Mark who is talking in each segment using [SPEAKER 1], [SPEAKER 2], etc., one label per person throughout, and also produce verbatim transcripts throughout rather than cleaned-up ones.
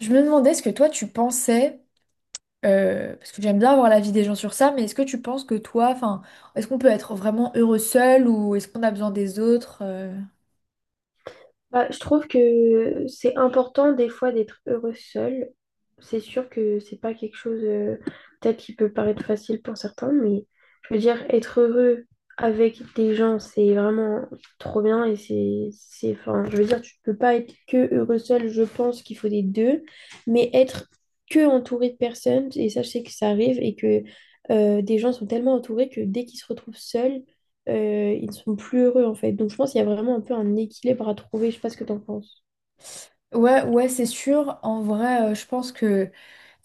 [SPEAKER 1] Je me demandais ce que toi tu pensais, euh, parce que j'aime bien avoir l'avis des gens sur ça, mais est-ce que tu penses que toi, enfin, est-ce qu'on peut être vraiment heureux seul ou est-ce qu'on a besoin des autres? euh
[SPEAKER 2] Bah, je trouve que c'est important des fois d'être heureux seul. C'est sûr que c'est pas quelque chose euh, peut-être qui peut paraître facile pour certains, mais je veux dire, être heureux avec des gens, c'est vraiment trop bien et c'est, c'est, enfin, je veux dire, tu peux pas être que heureux seul, je pense qu'il faut des deux, mais être que entouré de personnes, et ça, je sais que ça arrive et que euh, des gens sont tellement entourés que dès qu'ils se retrouvent seuls, euh, ils ne sont plus heureux en fait. Donc je pense qu'il y a vraiment un peu un équilibre à trouver. Je sais pas ce que tu en penses.
[SPEAKER 1] Ouais, ouais, c'est sûr. En vrai, euh, je pense que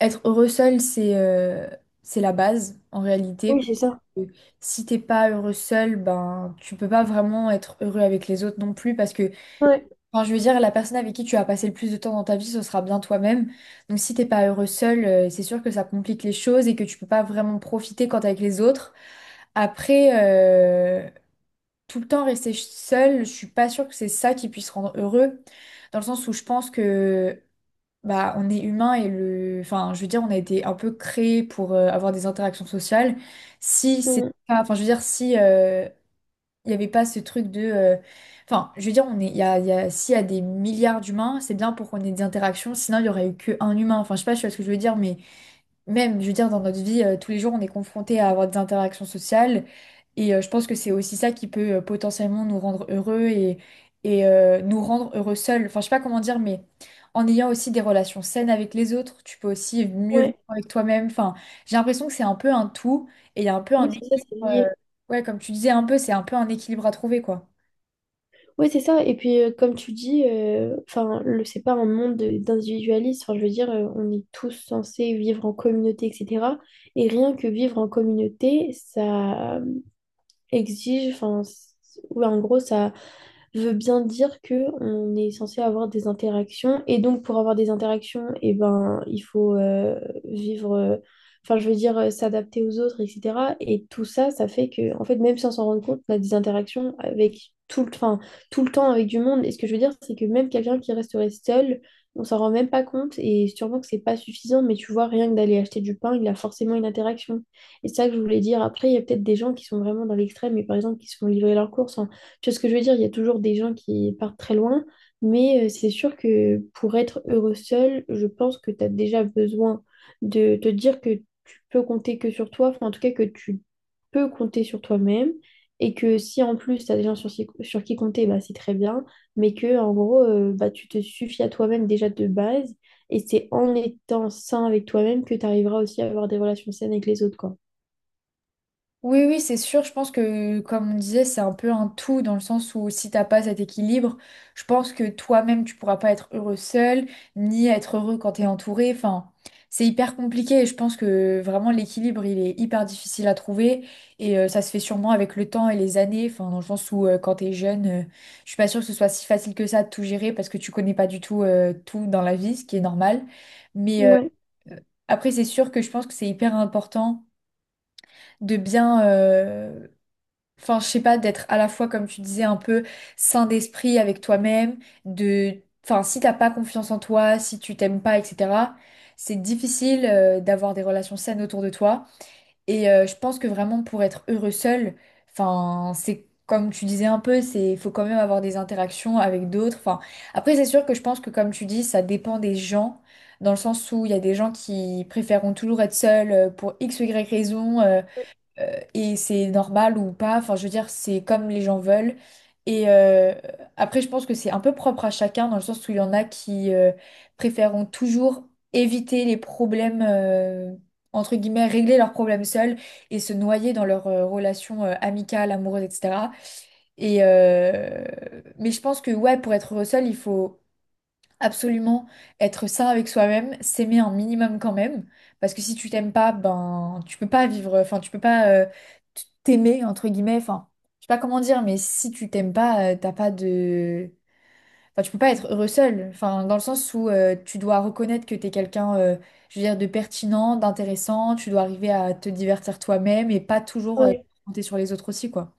[SPEAKER 1] être heureux seul, c'est euh, c'est la base en réalité.
[SPEAKER 2] Oui,
[SPEAKER 1] Parce
[SPEAKER 2] c'est ça.
[SPEAKER 1] que si t'es pas heureux seul, ben tu peux pas vraiment être heureux avec les autres non plus parce que,
[SPEAKER 2] Ouais,
[SPEAKER 1] enfin, je veux dire, la personne avec qui tu as passé le plus de temps dans ta vie, ce sera bien toi-même. Donc, si t'es pas heureux seul, euh, c'est sûr que ça complique les choses et que tu peux pas vraiment profiter quand t'es avec les autres. Après, euh, Tout le temps rester seul, je suis pas sûre que c'est ça qui puisse rendre heureux, dans le sens où je pense que bah on est humain et le, enfin, je veux dire, on a été un peu créé pour euh, avoir des interactions sociales. Si c'est
[SPEAKER 2] mm,
[SPEAKER 1] pas, enfin, je veux dire, si euh, il n'y avait pas ce truc de... euh, Enfin, je veux dire, on est, il y a, il y a- s'il y a des milliards d'humains, c'est bien pour qu'on ait des interactions, sinon il n'y aurait eu qu'un humain. Enfin, je sais pas, je sais pas ce que je veux dire, mais même, je veux dire, dans notre vie, euh, tous les jours, on est confronté à avoir des interactions sociales. Et euh, je pense que c'est aussi ça qui peut euh, potentiellement nous rendre heureux et, et euh, nous rendre heureux seuls. Enfin, je sais pas comment dire, mais en ayant aussi des relations saines avec les autres, tu peux aussi mieux vivre
[SPEAKER 2] ouais,
[SPEAKER 1] avec toi-même. Enfin, j'ai l'impression que c'est un peu un tout et il y a un peu
[SPEAKER 2] oui,
[SPEAKER 1] un
[SPEAKER 2] c'est ça,
[SPEAKER 1] équilibre.
[SPEAKER 2] c'est
[SPEAKER 1] euh,
[SPEAKER 2] lié.
[SPEAKER 1] ouais, comme tu disais, un peu, c'est un peu un équilibre à trouver, quoi.
[SPEAKER 2] Oui, c'est ça. Et puis, euh, comme tu dis, euh, enfin, le, c'est pas un monde de- d'individualisme. Enfin, je veux dire, euh, on est tous censés vivre en communauté, et cetera. Et rien que vivre en communauté, ça euh, exige, enfin, c- ouais, en gros, ça. Veut bien dire que on est censé avoir des interactions et donc pour avoir des interactions et ben il faut euh, vivre euh, enfin je veux dire euh, s'adapter aux autres etc et tout ça ça fait que en fait même sans s'en rendre compte on a des interactions avec tout le enfin, tout le temps avec du monde et ce que je veux dire c'est que même quelqu'un qui resterait seul on s'en rend même pas compte et sûrement que c'est pas suffisant mais tu vois rien que d'aller acheter du pain il a forcément une interaction et c'est ça que je voulais dire après il y a peut-être des gens qui sont vraiment dans l'extrême et par exemple qui se font livrer leurs courses tu vois ce que je veux dire? Il y a toujours des gens qui partent très loin, mais euh, c'est sûr que pour être heureux seul, je pense que tu as déjà besoin de te dire que tu peux compter que sur toi, enfin en tout cas que tu peux compter sur toi-même, et que si en plus tu as des gens sur, sur qui compter, bah, c'est très bien, mais que en gros, euh, bah, tu te suffis à toi-même déjà de base, et c'est en étant sain avec toi-même que tu arriveras aussi à avoir des relations saines avec les autres, quoi.
[SPEAKER 1] Oui, oui, c'est sûr. Je pense que, comme on disait, c'est un peu un tout dans le sens où si t'as pas cet équilibre, je pense que toi-même, tu pourras pas être heureux seul, ni être heureux quand t'es entouré. Enfin, c'est hyper compliqué et je pense que vraiment l'équilibre, il est hyper difficile à trouver et euh, ça se fait sûrement avec le temps et les années. Enfin, dans le sens où euh, quand t'es jeune, euh, je suis pas sûre que ce soit si facile que ça de tout gérer parce que tu connais pas du tout euh, tout dans la vie, ce qui est normal. Mais euh,
[SPEAKER 2] Ouais,
[SPEAKER 1] après, c'est sûr que je pense que c'est hyper important de bien, enfin, je sais pas, d'être à la fois, comme tu disais, un peu sain d'esprit avec toi-même, de… Enfin, si t'as pas confiance en toi, si tu t'aimes pas, et cetera, c'est difficile euh, d'avoir des relations saines autour de toi. Et euh, je pense que vraiment, pour être heureux seul, enfin, c'est comme tu disais un peu, c'est faut quand même avoir des interactions avec d'autres. Enfin, après, c'est sûr que je pense que, comme tu dis, ça dépend des gens, dans le sens où il y a des gens qui préféreront toujours être seuls euh, pour X ou Y raison. euh, euh, Et c'est normal ou pas. Enfin, je veux dire, c'est comme les gens veulent. Et euh, après, je pense que c'est un peu propre à chacun, dans le sens où il y en a qui euh, préféreront toujours éviter les problèmes, euh, entre guillemets, régler leurs problèmes seuls et se noyer dans leurs euh, relations euh, amicales, amoureuses, et cetera. Et, euh, mais je pense que, ouais, pour être heureux seul, il faut absolument être sain avec soi-même, s'aimer un minimum quand même, parce que si tu t'aimes pas, ben tu peux pas vivre, enfin tu peux pas euh, t- t'aimer entre guillemets, enfin je sais pas comment dire, mais si tu t'aimes pas, euh, t'as pas de, enfin tu peux pas être heureux seul, enfin dans le sens où euh, tu dois reconnaître que t'es quelqu'un, euh, je veux dire de pertinent, d'intéressant, tu dois arriver à te divertir toi-même et pas toujours euh,
[SPEAKER 2] ouais,
[SPEAKER 1] compter sur les autres aussi quoi.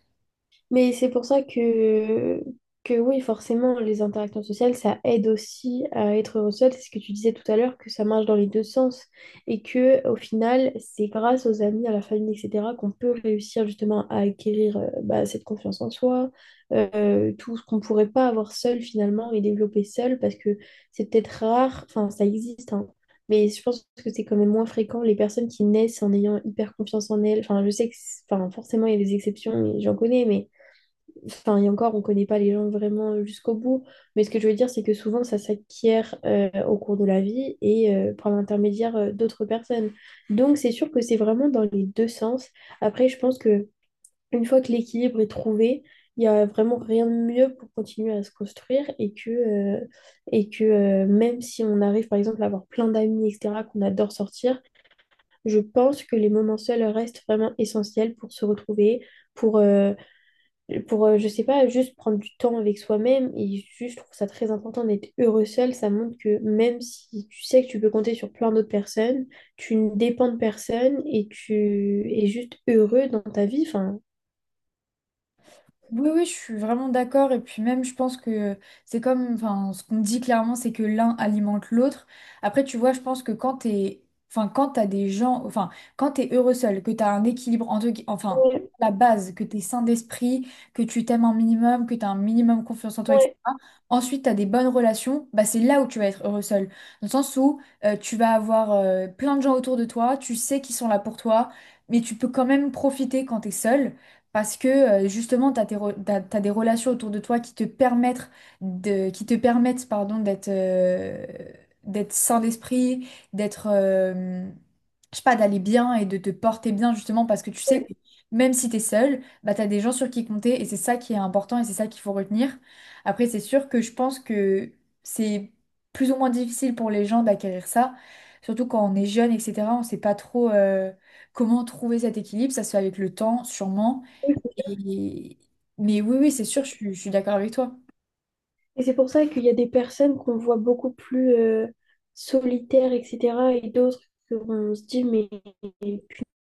[SPEAKER 2] mais c'est pour ça que, que oui, forcément, les interactions sociales, ça aide aussi à être heureux seul. C'est ce que tu disais tout à l'heure, que ça marche dans les deux sens. Et que au final, c'est grâce aux amis, à la famille, et cetera, qu'on peut réussir justement à acquérir euh, bah, cette confiance en soi, euh, tout ce qu'on ne pourrait pas avoir seul finalement et développer seul, parce que c'est peut-être rare, enfin ça existe, hein, mais je pense que c'est quand même moins fréquent les personnes qui naissent en ayant hyper confiance en elles. Enfin, je sais que, c'est- enfin, forcément, il y a des exceptions, et j'en connais, mais enfin, et encore, on ne connaît pas les gens vraiment jusqu'au bout, mais ce que je veux dire, c'est que souvent, ça s'acquiert euh, au cours de la vie et euh, par l'intermédiaire euh, d'autres personnes. Donc, c'est sûr que c'est vraiment dans les deux sens. Après, je pense que une fois que l'équilibre est trouvé, il n'y a vraiment rien de mieux pour continuer à se construire et que, euh, et que euh, même si on arrive, par exemple, à avoir plein d'amis, et cetera, qu'on adore sortir, je pense que les moments seuls restent vraiment essentiels pour se retrouver, pour, euh, et pour, euh, je sais pas, juste prendre du temps avec soi-même. Et juste, je trouve ça très important d'être heureux seul. Ça montre que même si tu sais que tu peux compter sur plein d'autres personnes, tu ne dépends de personne et tu es juste heureux dans ta vie. Enfin,
[SPEAKER 1] Oui, oui, je suis vraiment d'accord. Et puis même, je pense que c'est comme, enfin, ce qu'on dit clairement, c'est que l'un alimente l'autre. Après, tu vois, je pense que quand t'es, enfin, quand t'as des gens, enfin, quand t'es heureux seul, que t'as un équilibre entre, gui- enfin,
[SPEAKER 2] ouais,
[SPEAKER 1] la base, que t'es sain d'esprit, que tu t'aimes un minimum, que t'as un minimum confiance en toi,
[SPEAKER 2] ouais,
[SPEAKER 1] et cetera. Ensuite, t'as des bonnes relations, bah c'est là où tu vas être heureux seul. Dans le sens où euh, tu vas avoir euh, plein de gens autour de toi, tu sais qu'ils sont là pour toi, mais tu peux quand même profiter quand t'es seul. Parce que euh, justement, tu as des relations autour de toi qui te permettent, de, qui te permettent pardon, d'être euh, d'être sain d'esprit, d'être, euh, je sais pas, d'aller bien et de te porter bien justement parce que tu sais
[SPEAKER 2] ouais,
[SPEAKER 1] que même si tu es seul, bah, tu as des gens sur qui compter et c'est ça qui est important et c'est ça qu'il faut retenir. Après, c'est sûr que je pense que c'est plus ou moins difficile pour les gens d'acquérir ça, surtout quand on est jeune, et cetera. On sait pas trop euh, comment trouver cet équilibre. Ça se fait avec le temps, sûrement.
[SPEAKER 2] ouais,
[SPEAKER 1] Et- Mais oui, oui, c'est sûr, je suis, je suis d'accord avec toi.
[SPEAKER 2] et c'est pour ça qu'il y a des personnes qu'on voit beaucoup plus euh, solitaires, et cetera. Et d'autres qu'on se dit, mais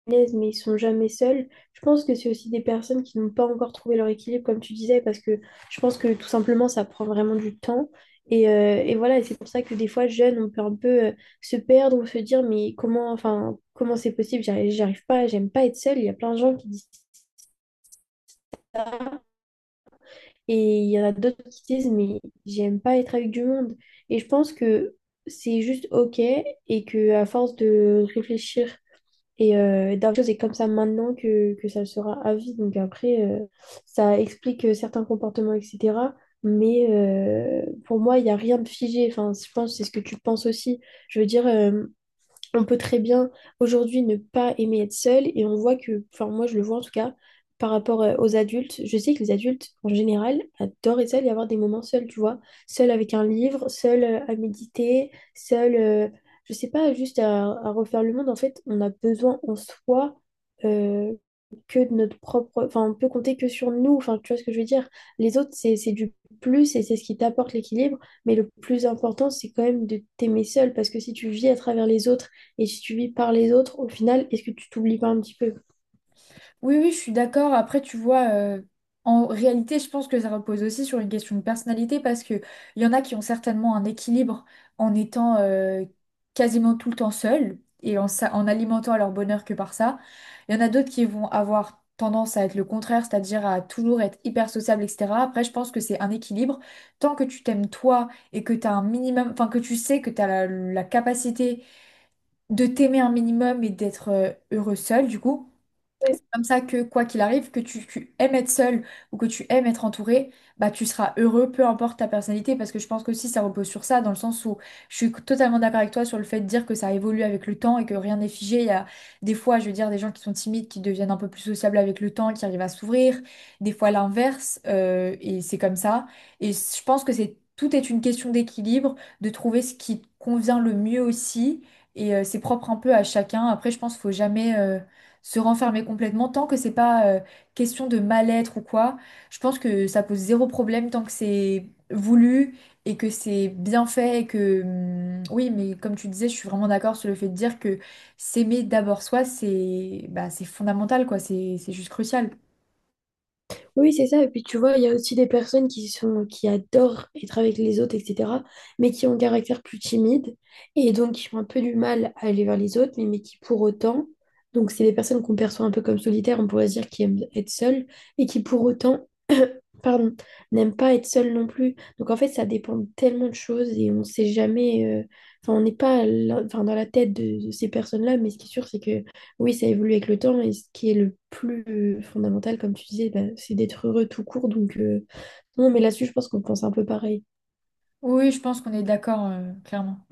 [SPEAKER 2] l'aise, mais ils sont jamais seuls. Je pense que c'est aussi des personnes qui n'ont pas encore trouvé leur équilibre, comme tu disais, parce que je pense que tout simplement, ça prend vraiment du temps. Et, euh, et voilà, et c'est pour ça que des fois, jeunes, on peut un peu euh, se perdre ou se dire, mais comment, enfin, comment c'est possible? J'arrive, J'arrive pas, j'aime pas être seule. Il y a plein de gens qui disent, et il y en a d'autres qui disent, mais j'aime pas être avec du monde. Et je pense que c'est juste OK et que à force de réfléchir et euh, Dark Chose est comme ça maintenant que, que ça le sera à vie. Donc après, euh, ça explique euh, certains comportements, et cetera. Mais euh, pour moi, il n'y a rien de figé. Enfin, je pense que c'est ce que tu penses aussi. Je veux dire, euh, on peut très bien aujourd'hui ne pas aimer être seul et on voit que, enfin moi je le vois en tout cas par rapport euh, aux adultes, je sais que les adultes en général adorent être seuls et avoir des moments seuls, tu vois, seuls avec un livre, seuls euh, à méditer, seuls, euh, je sais pas, juste à, à refaire le monde. En fait, on a besoin en soi euh, que de notre propre, enfin on peut compter que sur nous, enfin tu vois ce que je veux dire. Les autres c'est c'est du plus et c'est ce qui t'apporte l'équilibre, mais le plus important c'est quand même de t'aimer seul parce que si tu vis à travers les autres et suivi par les autres, au final, est-ce que tu t'oublies pas un petit peu?
[SPEAKER 1] Oui, oui, je suis d'accord. Après, tu vois, euh, en réalité, je pense que ça repose aussi sur une question de personnalité parce que il y en a qui ont certainement un équilibre en étant euh, quasiment tout le temps seuls et en, sa- en alimentant leur bonheur que par ça. Il y en a d'autres qui vont avoir tendance à être le contraire, c'est-à-dire à toujours être hyper sociable, et cetera. Après, je pense que c'est un équilibre. Tant que tu t'aimes toi et que tu as un minimum, enfin que tu sais que tu as la la capacité de t'aimer un minimum et d'être euh, heureux seul, du coup
[SPEAKER 2] Ouais.
[SPEAKER 1] comme ça que quoi qu'il arrive, que tu, tu aimes être seul ou que tu aimes être entouré, bah tu seras heureux, peu importe ta personnalité, parce que je pense que si ça repose sur ça, dans le sens où je suis totalement d'accord avec toi sur le fait de dire que ça évolue avec le temps et que rien n'est figé. Il y a des fois, je veux dire, des gens qui sont timides, qui deviennent un peu plus sociables avec le temps, qui arrivent à s'ouvrir, des fois l'inverse, euh, et c'est comme ça. Et je pense que c'est tout est une question d'équilibre, de trouver ce qui te convient le mieux aussi. Et euh, c'est propre un peu à chacun. Après, je pense qu'il faut jamais. euh, se renfermer complètement tant que c'est pas euh, question de mal-être ou quoi. Je pense que ça pose zéro problème tant que c'est voulu et que c'est bien fait et que hum, oui, mais comme tu disais, je suis vraiment d'accord sur le fait de dire que s'aimer d'abord soi, c'est bah, c'est fondamental quoi, c'est c'est juste crucial.
[SPEAKER 2] Oui, c'est ça. Et puis tu vois, il y a aussi des personnes qui sont, qui adorent être avec les autres, et cetera, mais qui ont un caractère plus timide et donc qui ont un peu du mal à aller vers les autres, mais, mais qui pour autant, donc c'est des personnes qu'on perçoit un peu comme solitaires, on pourrait se dire qui aiment être seules et qui pour autant pardon, n'aime pas être seul non plus. Donc en fait, ça dépend de tellement de choses et on sait jamais. euh, Enfin, on n'est pas là- enfin, dans la tête de, de ces personnes-là, mais ce qui est sûr, c'est que oui, ça évolue avec le temps et ce qui est le plus euh, fondamental, comme tu disais, bah, c'est d'être heureux tout court. Donc euh, non, mais là-dessus, je pense qu'on pense un peu pareil.
[SPEAKER 1] Oui, je pense qu'on est d'accord euh, clairement.